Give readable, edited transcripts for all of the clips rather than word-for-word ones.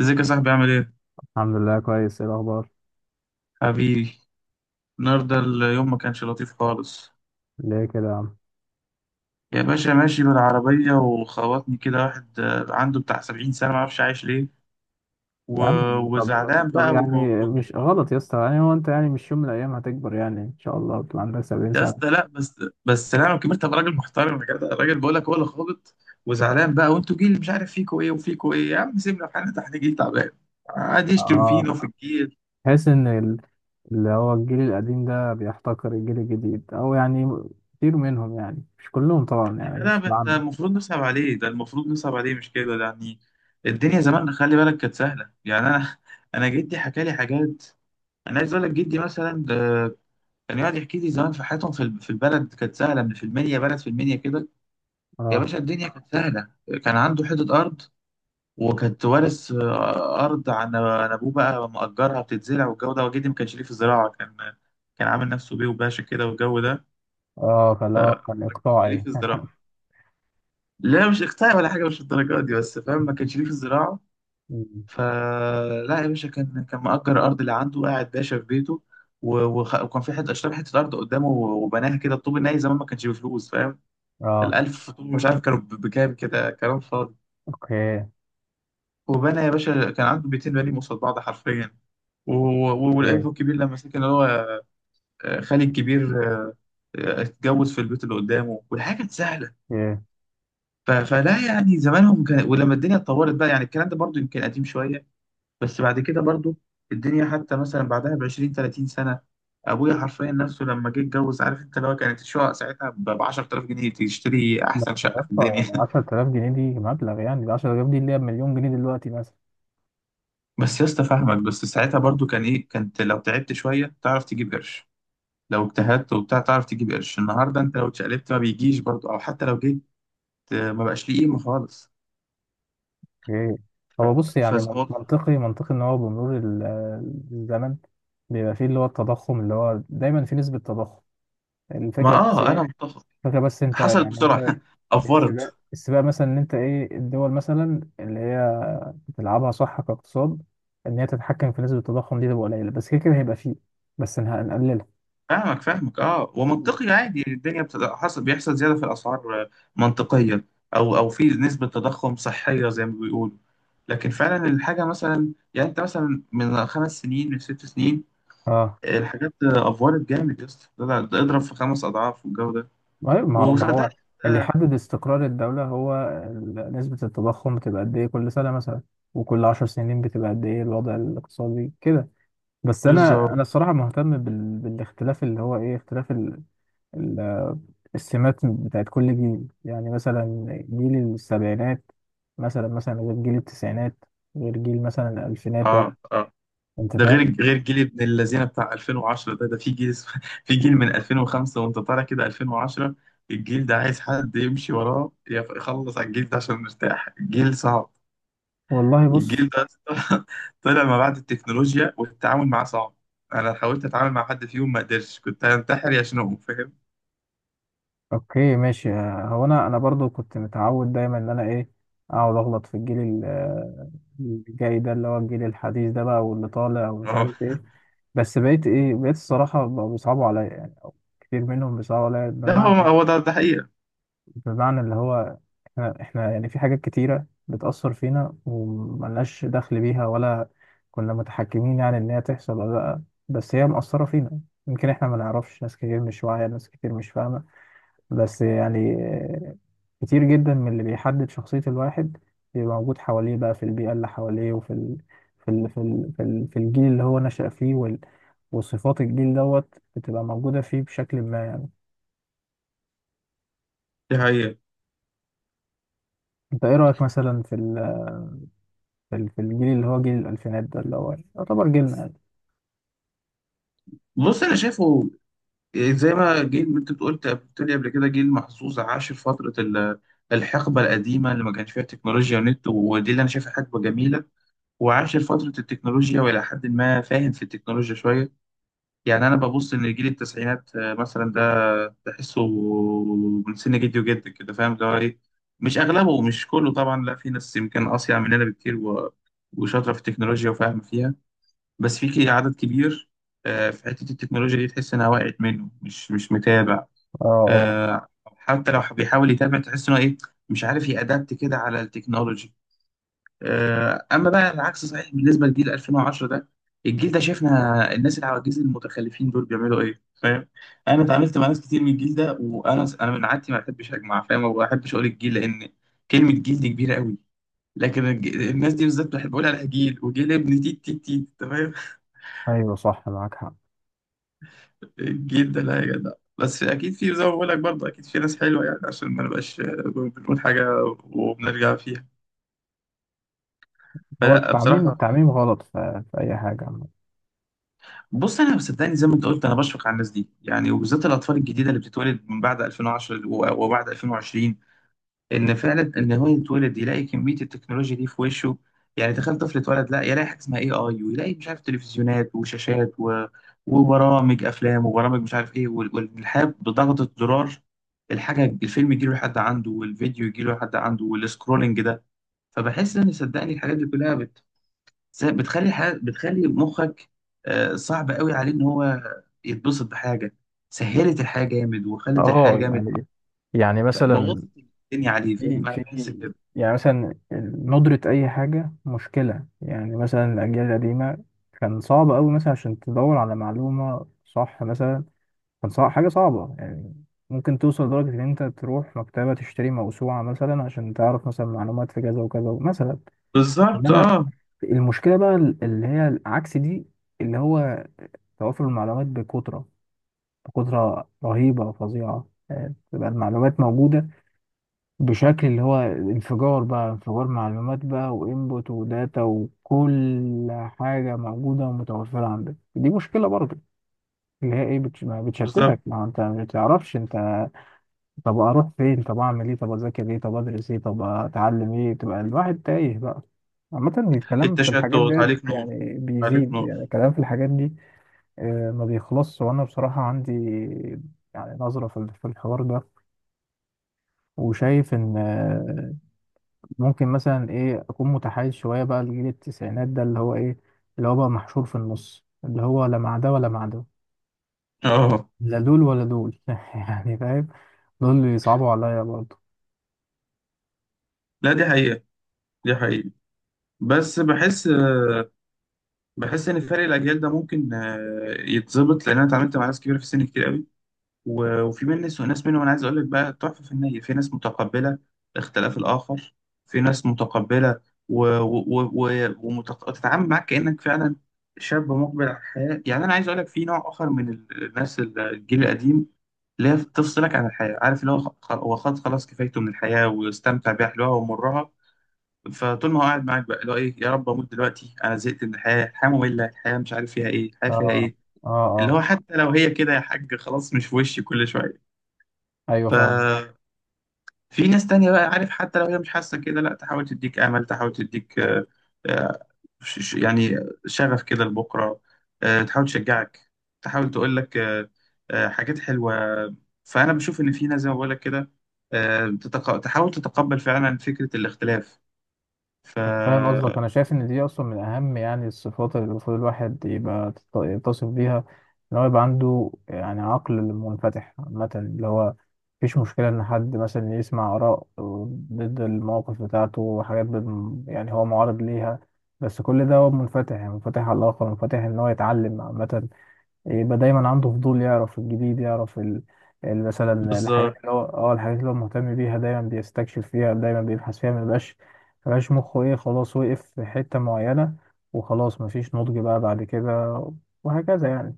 ازيك يا صاحبي عامل ايه؟ الحمد لله، كويس. ايه الاخبار؟ حبيبي، النهارده اليوم ما كانش لطيف خالص. ليه كده يا عم؟ يا باشا ماشي بالعربية وخبطني كده واحد عنده بتاع سبعين سنة، ما اعرفش عايش ليه. و... يا عم طب وزعلان طب بقى يعني مش غلط يا اسطى. يعني هو انت، يعني مش يوم من الايام هتكبر؟ يعني ان شاء الله تبقى عندك 70 يا اسطى سنه. لا بس. لا انا كبرت ابقى راجل محترم يا جدع، الراجل بقول لك هو اللي خابط. وزعلان بقى، وانتوا جيل مش عارف فيكوا ايه وفيكوا ايه. يا عم سيبنا في حالنا، ده احنا جيل تعبان قاعد يشتم اه. فينا وفي الجيل. تحس ان اللي هو الجيل القديم ده بيحتقر الجيل الجديد، او يعني كتير منهم، يعني مش كلهم طبعا، يعني لا، مش ده بعمم. المفروض نصعب عليه، ده المفروض نصعب عليه، مش كده؟ ده يعني الدنيا زمان خلي بالك كانت سهلة. يعني أنا جدي حكى لي حاجات. أنا عايز أقول لك جدي مثلا ده كان يقعد يحكي لي زمان في حياتهم، في البلد كانت سهلة، من في المنيا، بلد في المنيا كده. يا اه، باشا الدنيا كانت سهلة، كان عنده حتة أرض، وكانت وارث أرض عن أبوه بقى، مأجرها بتتزرع والجو ده. وجدي ما كانش ليه في الزراعة، كان كان عامل نفسه بيه وباشا كده والجو ده. اه، فاللي هو كان ما كانش ليه اقطاعي. في الزراعة، لا مش اقتنع ولا حاجه، مش الدرجات دي، بس فاهم، ما كانش ليه في الزراعه. مم. فلا يا باشا، كان كان مأجر أرض اللي عنده، قاعد باشا في بيته. وكان في حته، اشترى حته ارض قدامه وبناها كده، الطوب الناي زمان ما كانش بفلوس، فاهم؟ اه. الالف طوب مش عارف كانوا بكام كده، كلام فاضي. اوكي، وبنى يا باشا، كان عنده بيتين بني قصاد بعض حرفيا. و- والابن اوكي، الكبير لما سكن، اللي هو خالي الكبير، اتجوز في البيت اللي قدامه، والحاجه كانت سهله. اوكي. فلا يعني زمانهم كان، ولما الدنيا اتطورت بقى، يعني الكلام ده برضو يمكن قديم شويه، بس بعد كده برضو الدنيا حتى مثلا بعدها ب 20 30 سنة، أبويا حرفيا نفسه لما جه اتجوز، عارف أنت، لو كانت الشقة ساعتها ب 10000 جنيه تشتري بس أحسن يا شقة في اسطى، الدنيا يعني 10000 جنيه دي مبلغ، يعني ال 10000 جنيه اللي هي بمليون جنيه دلوقتي. بس يا اسطى فاهمك، بس ساعتها برضو كان إيه، كانت لو تعبت شوية تعرف تجيب قرش، لو اجتهدت وبتاع تعرف تجيب قرش. النهاردة أنت لو اتشقلبت ما بيجيش برضو، أو حتى لو جيت ما بقاش ليه قيمة خالص. ايه؟ ف- هو بص، يعني فز منطقي، منطقي ان هو بمرور الزمن بيبقى فيه اللي هو التضخم، اللي هو دايما في نسبة تضخم. ما الفكرة بس أنا ايه، متفق، الفكرة بس انت حصلت يعني بسرعة مثلا السباق، أفورت. السباق مثلا ان انت ايه الدول مثلا اللي هي بتلعبها صح كاقتصاد، ان هي تتحكم في نسبة التضخم دي، تبقى قليلة. بس كده كده هيبقى فيه. بس هنقللها. فاهمك فاهمك، اه مم. ومنطقي عادي الدنيا حصل بيحصل زيادة في الأسعار، منطقية. أو أو في نسبة تضخم صحية زي ما بيقولوا، لكن فعلا الحاجة مثلا، يعني أنت مثلا من خمس سنين، من ست سنين، اه. الحاجات أفورت جامد يا اسطى، ده اضرب في خمس أضعاف والجو ده. أيوة، ما هو ما وصدقني هو اللي يحدد استقرار الدولة هو نسبة التضخم، بتبقى قد إيه كل سنة مثلا، وكل 10 سنين بتبقى قد إيه الوضع الاقتصادي كده. بس أنا بالظبط، أنا الصراحة مهتم بال... بالاختلاف. اللي هو إيه اختلاف ال... ال... السمات بتاعت كل جيل. يعني مثلا جيل السبعينات مثلا غير جيل التسعينات، غير جيل مثلا الألفينات بقى. اه اه. أنت ده فاهم. غير جيل ابن الذين بتاع 2010 ده، في جيل في جيل من 2005 وانت طالع كده 2010، الجيل ده عايز حد يمشي وراه يخلص على الجيل ده عشان نرتاح، الجيل صعب. والله بص. الجيل ده أصلاً طلع ما بعد التكنولوجيا، والتعامل معاه صعب. انا حاولت اتعامل مع حد فيهم ما قدرتش، كنت هنتحر يا شنو، فاهم؟ اوكي ماشي. هو انا برضو كنت متعود دايما ان انا ايه، اقعد اغلط في الجيل الجاي ده، اللي هو الجيل الحديث ده بقى، واللي طالع ومش عارف اه. ايه. بس بقيت ايه، بقيت الصراحه بقوا بيصعبوا عليا، يعني أو كتير منهم بيصعبوا عليا. ده هو بمعنى هو ايه؟ ده ده حقيقة، بمعنى اللي هو احنا يعني في حاجات كتيره بتاثر فينا، وملناش دخل بيها، ولا كنا متحكمين يعني ان هي تحصل ولا لا، بس هي مأثره فينا. يمكن احنا ما نعرفش. ناس كتير مش واعيه، ناس كتير مش فاهمه. بس يعني كتير جدا من اللي بيحدد شخصية الواحد بيبقى موجود حواليه بقى، في البيئة اللي حواليه، وفي ال... في ال... في ال... في ال... في الجيل اللي هو نشأ فيه، وال... وصفات الجيل دوت بتبقى موجودة فيه بشكل ما يعني. دي حقيقة. انت ايه رأيك مثلا في ال... في في الجيل اللي هو جيل الألفينات ده، اللي هو يعتبر جيلنا يعني. بص انا شايفه، زي ما انت قلت، قلت لي قبل كده، جيل محظوظ عاش في الحقبه القديمه اللي ما كانش فيها تكنولوجيا ونت، ودي اللي انا شايفها حقبه جميله، وعاش في فتره التكنولوجيا، والى حد ما فاهم في التكنولوجيا شويه. يعني انا ببص ان جيل التسعينات مثلا ده تحسه من سن جدي وجدك كده، فاهم اللي هو ايه، مش اغلبه، مش كله طبعا، لا في ناس يمكن اصيع مننا بكتير، وشاطره في التكنولوجيا وفاهمه فيها، بس في عدد كبير في حته التكنولوجيا دي تحس انها وقعت منه، مش مش متابع. اه، اه. آه، حتى لو بيحاول يتابع تحس انه ايه، مش عارف يأدبت كده على التكنولوجي. اما بقى العكس صحيح بالنسبه لجيل 2010 ده، الجيل ده شفنا الناس العواجيز المتخلفين دول بيعملوا ايه، فاهم. انا اتعاملت مع ناس كتير من الجيل ده، وانا من عادتي ما بحبش اجمع، فاهم، وما بحبش اقول الجيل، لان كلمه جيل دي كبيره قوي، لكن الناس دي بالذات بحب اقول عليها جيل وجيل ابن تيت تيت تيت، تمام ايوه صح، معاك حق. جدا، لا يا جدع. بس اكيد في، زي ما بقول لك برضه، اكيد في ناس حلوه، يعني عشان ما نبقاش بنقول حاجه وبنرجع فيها، هو فلا التعميم، بصراحه. التعميم غلط في أي حاجة عامة. بص انا صدقني زي ما انت قلت، انا بشفق على الناس دي يعني، وبالذات الاطفال الجديده اللي بتتولد من بعد 2010 وبعد 2020، ان فعلا ان هو يتولد يلاقي كميه التكنولوجيا دي في وشه. يعني تخيل طفل اتولد لا يلاقي حاجه اسمها اي اي، ويلاقي مش عارف تلفزيونات وشاشات وبرامج افلام وبرامج مش عارف ايه، والحياه بضغطه زرار، الحاجه الفيلم يجي له لحد عنده، والفيديو يجي له لحد عنده، والسكرولنج ده. فبحس ان صدقني الحاجات دي كلها بتخلي بتخلي مخك صعب قوي عليه ان هو يتبسط بحاجه، سهلت الحياه جامد وخلت الحياه اه، جامد، يعني مثلا بوظت الدنيا عليه، في فاهم، انا في بحس كده. يعني مثلا ندرة أي حاجة مشكلة. يعني مثلا الأجيال القديمة كان صعب أوي مثلا عشان تدور على معلومة صح مثلا. كان صعب، حاجة صعبة يعني. ممكن توصل لدرجة إن أنت تروح مكتبة تشتري موسوعة مثلا عشان تعرف مثلا معلومات في كذا وكذا مثلا. بالظبط، إنما اه المشكلة بقى اللي هي عكس دي، اللي هو توافر المعلومات بكثرة. بكثرة رهيبة وفظيعة، يعني تبقى المعلومات موجودة بشكل اللي هو انفجار بقى، انفجار معلومات بقى، وانبوت وداتا وكل حاجة موجودة ومتوفرة عندك. دي مشكلة برضه، اللي هي ايه، ما بالظبط، بتشتتك. ما هو انت ما بتعرفش انت، طب اروح فين، طب اعمل ايه، طب اذاكر ايه، طب ادرس ايه، طب اتعلم ايه. تبقى الواحد تايه بقى. عامة الكلام في التشتت، الحاجات ديت عليك نور، يعني عليك بيزيد، يعني نور. الكلام في الحاجات دي ما بيخلصش. وأنا بصراحة عندي يعني نظرة في الحوار ده، وشايف إن ممكن مثلا ايه اكون متحيز شويه بقى لجيل التسعينات ده، اللي هو ايه، اللي هو بقى محشور في النص، اللي هو لا مع ده ولا مع ده. اه لا دول ولا دول. يعني فاهم، دول اللي يصعبوا عليا برضه. لا دي حقيقة، دي حقيقة. بس بحس بحس ان فرق الاجيال ده ممكن يتظبط، لان انا اتعاملت مع ناس كبيره في السن كتير قوي، وفي مني وناس منهم، انا عايز اقول لك بقى تحفه فنيه، في ناس متقبله اختلاف الاخر، في ناس متقبله وتتعامل معاك كانك فعلا شاب مقبل على الحياه. يعني انا عايز اقول لك في نوع اخر من الناس الجيل القديم، اللي هي تفصلك عن الحياة، عارف، اللي هو هو خلاص، خلاص كفايته من الحياة واستمتع بيها حلوها ومرها، فطول ما هو قاعد معاك بقى اللي هو ايه، يا رب اموت دلوقتي، انا زهقت من الحياة، الحياة مملة، الحياة مش عارف فيها ايه، الحياة فيها اه، ايه. اه، اللي اه. هو حتى لو هي كده يا حاج خلاص، مش في وشي كل شوية. ايوه فاهم. ف في ناس تانية بقى، عارف، حتى لو هي مش حاسة كده، لا تحاول تديك أمل، تحاول تديك آه، يعني شغف كده لبكرة، تحاول تشجعك، تحاول تقول لك حاجات حلوة. فأنا بشوف إن في ناس زي ما بقول لك كده، تحاول تتقبل فعلا فكرة الاختلاف. ف أنا فاهم قصدك. أنا شايف إن دي أصلا من أهم يعني الصفات اللي المفروض الواحد يبقى يتصف بيها، إن هو يبقى عنده يعني عقل منفتح عامة، اللي هو مفيش مشكلة إن حد مثلا يسمع آراء ضد المواقف بتاعته، وحاجات يعني هو معارض ليها، بس كل ده هو منفتح. يعني منفتح على الآخر، منفتح إن هو يتعلم عامة، يبقى دايما عنده فضول، يعرف الجديد، يعرف ال... مثلا الحاجات بالظبط. اللي هو الحاجات اللي هو مهتم بيها دايما، بيستكشف فيها دايما، بيبحث فيها. ما يبقاش مخه ايه، خلاص وقف في حتة معينة، وخلاص مفيش نضج بقى بعد كده، وهكذا يعني.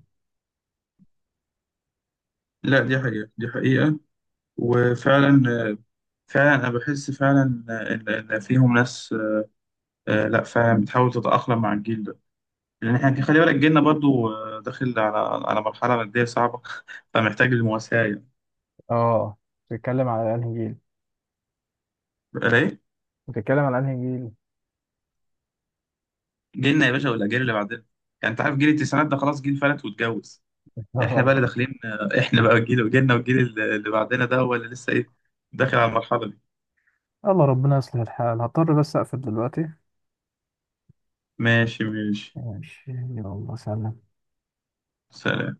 لا دي حقيقة، دي حقيقة. وفعلا فعلا أنا بحس فعلا إن فيهم ناس، لا فعلا بتحاول تتأقلم مع الجيل ده، لان احنا خلي بالك جيلنا برضو داخل على مرحله ماديه صعبه فمحتاج المواساه يعني. اه. بتتكلم على انهي جيل؟ بقى ايه؟ بتتكلم على انهي جيل؟ جيلنا يا باشا والاجيال اللي بعدنا. يعني انت عارف جيل التسعينات ده خلاص جيل فلت واتجوز، احنا بقى اه. اللي داخلين احنا بقى جيل جيلنا والجيل اللي بعدنا ده هو اللي لسه ايه، داخل على المرحله دي. الله ربنا يصلح الحال. هضطر بس اقفل دلوقتي. ماشي ماشي، ماشي يلا، سلام. سلام.